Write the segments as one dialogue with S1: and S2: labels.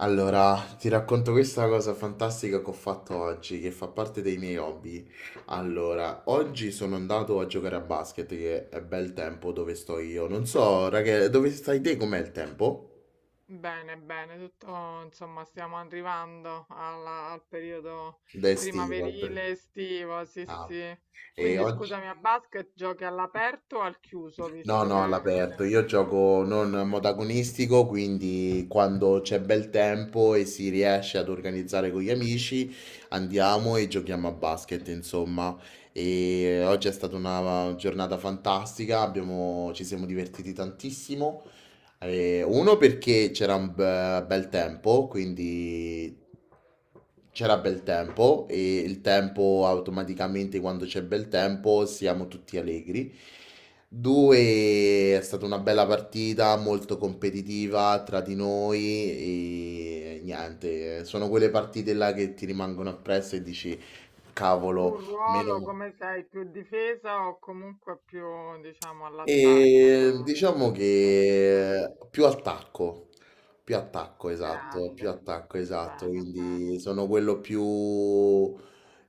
S1: Allora, ti racconto questa cosa fantastica che ho fatto oggi, che fa parte dei miei hobby. Allora, oggi sono andato a giocare a basket, che è bel tempo dove sto io. Non so, ragazzi, dove stai te? Com'è il tempo?
S2: Bene, bene, tutto, insomma, stiamo arrivando al periodo
S1: D'estivo. Al pre-
S2: primaverile, estivo, sì,
S1: ah.
S2: sì.
S1: E
S2: Quindi
S1: oggi...
S2: scusami, a basket giochi all'aperto o al chiuso,
S1: No,
S2: visto
S1: no,
S2: che
S1: all'aperto. Io gioco non
S2: ok.
S1: modagonistico, quindi quando c'è bel tempo e si riesce ad organizzare con gli amici, andiamo e giochiamo a basket, insomma. E oggi è stata una giornata fantastica, ci siamo divertiti tantissimo. Uno perché c'era un bel tempo, quindi c'era bel tempo e il tempo automaticamente quando c'è bel tempo siamo tutti allegri. Due, è stata una bella partita, molto competitiva tra di noi e niente, sono quelle partite là che ti rimangono appresso e dici,
S2: Tu
S1: cavolo,
S2: il ruolo
S1: meno...
S2: come sei, più difesa o comunque più, diciamo, all'attacco?
S1: E diciamo
S2: Quello che-
S1: che più
S2: Grande,
S1: attacco, esatto,
S2: bene,
S1: quindi
S2: bene.
S1: sono quello più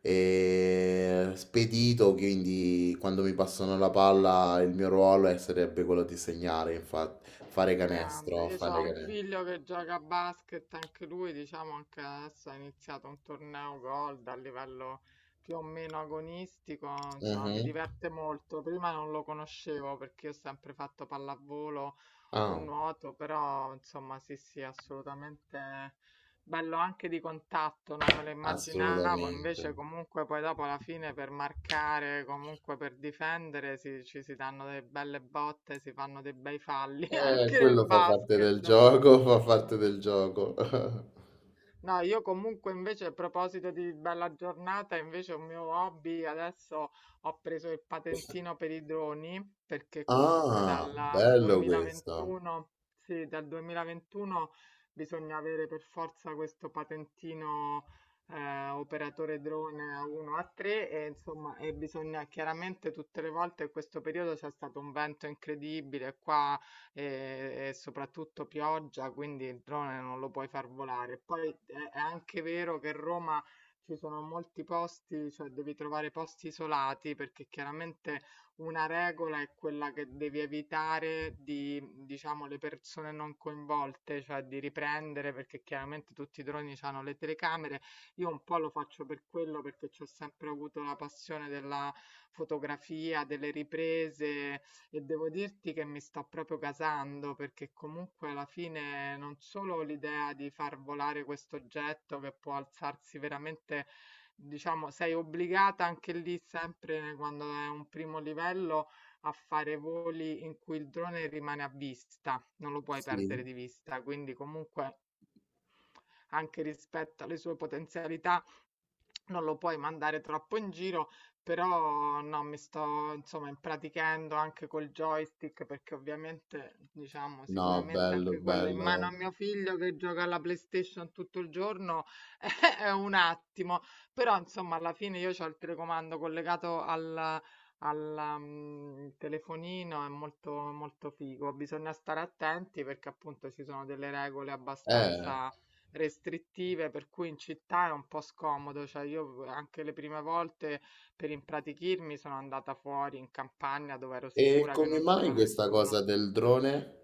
S1: spedito, quindi quando mi passano la palla il mio ruolo sarebbe quello di segnare, infatti, fare
S2: Grande,
S1: canestro,
S2: io ho
S1: fare
S2: un
S1: canestro.
S2: figlio che gioca a basket, anche lui, diciamo, anche adesso ha iniziato un torneo gold a livello più o meno agonistico, insomma, mi
S1: Mhm.
S2: diverte molto. Prima non lo conoscevo perché io ho sempre fatto pallavolo o
S1: Ah,
S2: nuoto, però insomma, sì, sì, assolutamente. Bello anche di contatto, non me lo immaginavo,
S1: assolutamente.
S2: invece comunque poi dopo alla fine per marcare, comunque per difendere, ci si danno delle belle botte, si fanno dei bei falli anche nel
S1: Quello fa parte del
S2: basket.
S1: gioco, fa parte del gioco.
S2: No, io comunque invece a proposito di bella giornata, invece un mio hobby, adesso ho preso il patentino per i droni, perché comunque
S1: Ah,
S2: dal
S1: bello questo.
S2: 2021, sì, dal 2021 bisogna avere per forza questo patentino, operatore drone A1 A3, e insomma, e bisogna chiaramente tutte le volte in questo periodo c'è stato un vento incredibile qua e soprattutto pioggia, quindi il drone non lo puoi far volare. Poi è anche vero che Roma, ci sono molti posti, cioè devi trovare posti isolati perché chiaramente una regola è quella che devi evitare di, diciamo, le persone non coinvolte, cioè di riprendere perché chiaramente tutti i droni hanno le telecamere. Io un po' lo faccio per quello perché ci ho sempre avuto la passione della fotografia, delle riprese, e devo dirti che mi sta proprio gasando perché comunque alla fine non solo l'idea di far volare questo oggetto che può alzarsi veramente, diciamo, sei obbligata anche lì sempre quando è un primo livello, a fare voli in cui il drone rimane a vista, non lo puoi
S1: Sì,
S2: perdere di vista, quindi comunque anche rispetto alle sue potenzialità, non lo puoi mandare troppo in giro, però no, mi sto insomma impratichendo anche col joystick, perché ovviamente diciamo
S1: no,
S2: sicuramente
S1: bello,
S2: anche quello in mano
S1: bello.
S2: a mio figlio che gioca alla PlayStation tutto il giorno è un attimo, però insomma alla fine io ho il telecomando collegato al telefonino, è molto molto figo, bisogna stare attenti perché appunto ci sono delle regole
S1: Eh,
S2: abbastanza restrittive, per cui in città è un po' scomodo. Cioè, io anche le prime volte per impratichirmi sono andata fuori in campagna dove ero
S1: e
S2: sicura che
S1: come
S2: non
S1: mai
S2: c'era
S1: questa
S2: nessuno.
S1: cosa del drone?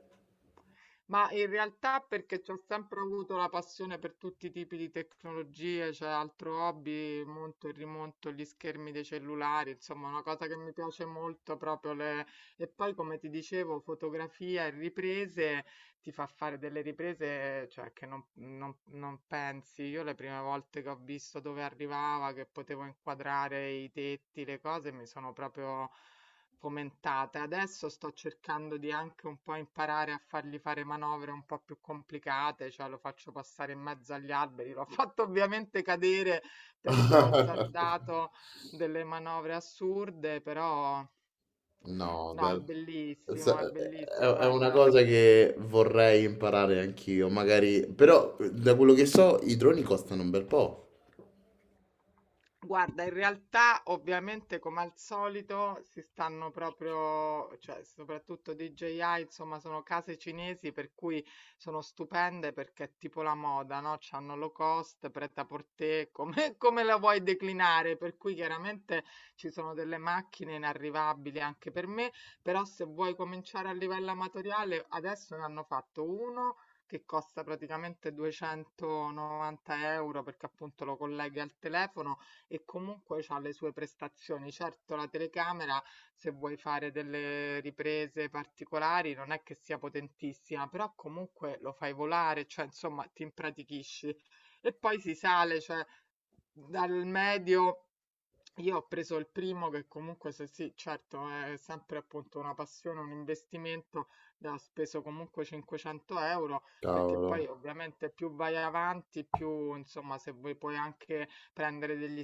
S2: Ma in realtà perché ho sempre avuto la passione per tutti i tipi di tecnologie, c'è altro hobby, monto e rimonto gli schermi dei cellulari, insomma, una cosa che mi piace molto proprio le... E poi, come ti dicevo, fotografia e riprese, ti fa fare delle riprese, cioè, che non pensi. Io le prime volte che ho visto dove arrivava, che potevo inquadrare i tetti, le cose, mi sono proprio fomentata. Adesso sto cercando di anche un po' imparare a fargli fare manovre un po' più complicate, cioè lo faccio passare in mezzo agli alberi. L'ho fatto ovviamente cadere perché ho azzardato delle manovre assurde, però
S1: No,
S2: no,
S1: bello.
S2: è bellissimo,
S1: È una
S2: guarda.
S1: cosa che vorrei imparare anch'io, magari, però da quello che so i droni costano un bel po'.
S2: Guarda, in realtà ovviamente come al solito si stanno proprio, cioè soprattutto DJI, insomma sono case cinesi per cui sono stupende perché è tipo la moda, no? C'hanno low cost, prêt-à-porter, come, come la vuoi declinare? Per cui chiaramente ci sono delle macchine inarrivabili anche per me, però se vuoi cominciare a livello amatoriale, adesso ne hanno fatto uno che costa praticamente 290 €, perché appunto lo colleghi al telefono e comunque c'ha le sue prestazioni. Certo, la telecamera, se vuoi fare delle riprese particolari, non è che sia potentissima, però comunque lo fai volare, cioè insomma ti impratichisci. E poi si sale, cioè dal medio, io ho preso il primo che comunque se sì, certo, è sempre appunto una passione, un investimento, ho speso comunque 500 euro, perché poi
S1: Cavolo.
S2: ovviamente più vai avanti, più insomma se vuoi puoi anche prendere degli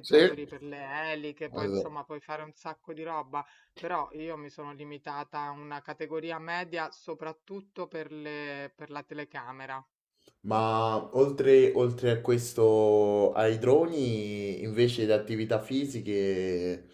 S1: Sì.
S2: per le eliche, poi
S1: Allora,
S2: insomma puoi fare un sacco di roba, però io mi sono limitata a una categoria media soprattutto per per la telecamera.
S1: ma oltre, oltre a questo, ai droni, invece di attività fisiche,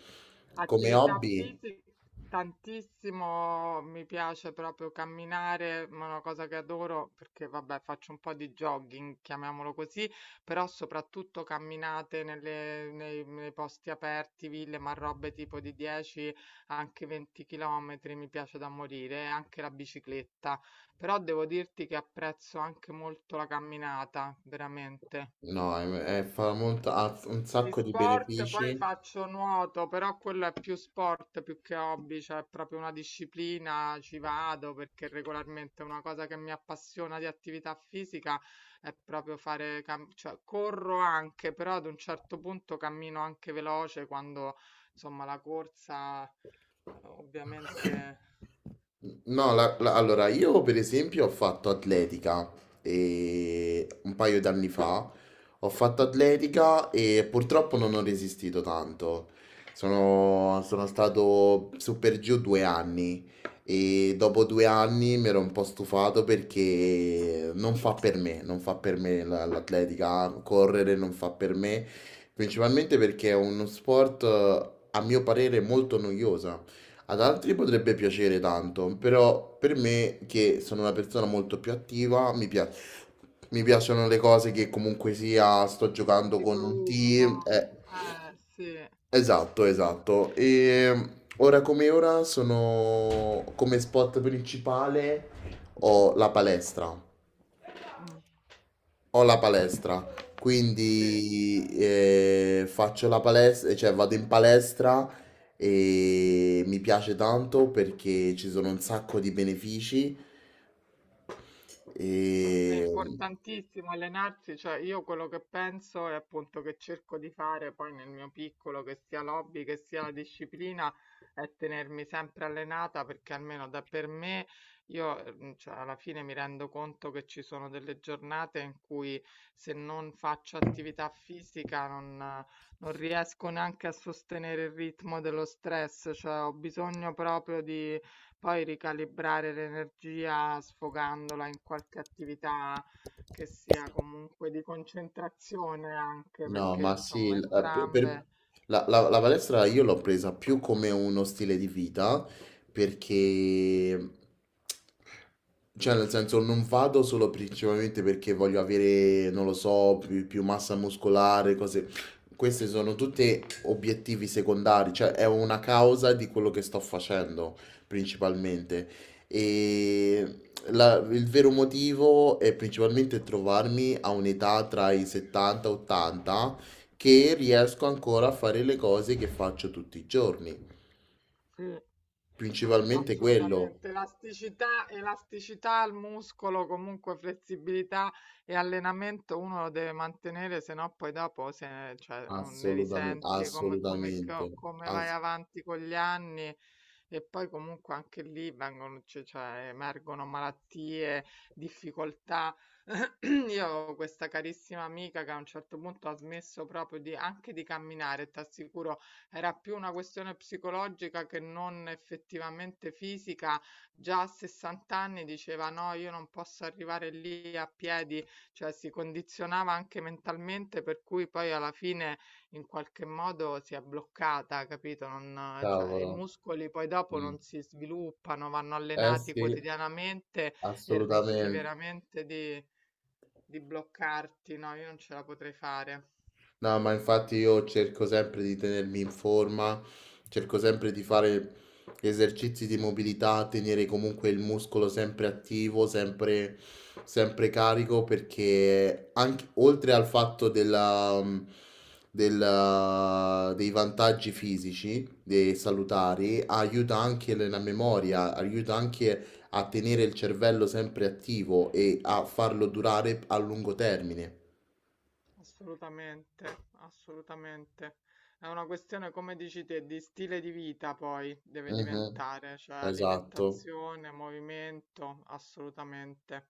S1: come
S2: Attività
S1: hobby?
S2: fisica tantissimo, mi piace proprio camminare, ma è una cosa che adoro perché vabbè, faccio un po' di jogging, chiamiamolo così, però soprattutto camminate nei posti aperti, ville, ma robe tipo di 10, anche 20 chilometri, mi piace da morire, e anche la bicicletta. Però devo dirti che apprezzo anche molto la camminata, veramente.
S1: No, fa molta ha un
S2: Di
S1: sacco di
S2: sport poi
S1: benefici.
S2: faccio nuoto, però quello è più sport più che hobby, cioè è proprio una disciplina, ci vado perché regolarmente una cosa che mi appassiona di attività fisica è proprio fare, cioè corro anche, però ad un certo punto cammino anche veloce quando insomma la corsa ovviamente
S1: No, allora io per esempio ho fatto atletica e un paio d'anni fa ho fatto atletica e purtroppo non ho resistito tanto. Sono stato su per giù due anni e dopo due anni mi ero un po' stufato perché non fa per me, non fa per me l'atletica, correre non fa per me, principalmente perché è uno sport a mio parere molto noioso. Ad altri potrebbe piacere tanto, però per me, che sono una persona molto più attiva, mi piacciono le cose che comunque sia, sto giocando
S2: di
S1: con un
S2: gruppo,
S1: team.
S2: eh sì,
S1: Esatto, esatto. E ora come ora sono come spot principale ho la palestra.
S2: mm,
S1: Ho la palestra,
S2: sì.
S1: quindi faccio la palestra, cioè vado in palestra e mi piace tanto perché ci sono un sacco di benefici
S2: È
S1: e
S2: importantissimo allenarsi, cioè io quello che penso è appunto che cerco di fare poi nel mio piccolo, che sia l'hobby, che sia la disciplina, è tenermi sempre allenata perché almeno da per me io cioè, alla fine mi rendo conto che ci sono delle giornate in cui se non faccio attività fisica non riesco neanche a sostenere il ritmo dello stress, cioè ho bisogno proprio di poi ricalibrare l'energia sfogandola in qualche attività che sia comunque di concentrazione anche
S1: no,
S2: perché
S1: ma sì,
S2: insomma entrambe
S1: la palestra io l'ho presa più come uno stile di vita perché, cioè nel senso non vado solo principalmente perché voglio avere, non lo so, più, più massa muscolare, cose, queste sono tutte obiettivi secondari, cioè è una causa di quello che sto facendo principalmente. E il vero motivo è principalmente trovarmi a un'età tra i 70 e 80 che riesco ancora a fare le cose che faccio tutti i giorni.
S2: sì.
S1: Principalmente quello.
S2: Assolutamente, elasticità elasticità al muscolo, comunque flessibilità e allenamento uno lo deve mantenere, se no poi dopo se ne, cioè, non ne
S1: Assolutamente,
S2: risenti, e come,
S1: assolutamente.
S2: come vai
S1: Ass-
S2: avanti con gli anni e poi comunque anche lì vengono, cioè, emergono malattie, difficoltà. Io avevo questa carissima amica che a un certo punto ha smesso proprio di, anche di camminare, ti assicuro era più una questione psicologica che non effettivamente fisica. Già a 60 anni diceva: No, io non posso arrivare lì a piedi, cioè si condizionava anche mentalmente, per cui poi alla fine in qualche modo si è bloccata, capito? Cioè, i
S1: cavolo.
S2: muscoli poi dopo
S1: Mm.
S2: non si sviluppano, vanno
S1: Eh
S2: allenati
S1: sì,
S2: quotidianamente e rischi
S1: assolutamente.
S2: veramente di bloccarti. No, io non ce la potrei fare.
S1: No, ma infatti io cerco sempre di tenermi in forma, cerco sempre di fare esercizi di mobilità, tenere comunque il muscolo sempre attivo, sempre, sempre carico, perché anche, oltre al fatto dei vantaggi fisici, dei salutari, aiuta anche la memoria, aiuta anche a tenere il cervello sempre attivo e a farlo durare a lungo termine.
S2: Assolutamente, assolutamente. È una questione, come dici te, di stile di vita poi deve
S1: Mhm,
S2: diventare, cioè
S1: esatto.
S2: alimentazione, movimento, assolutamente.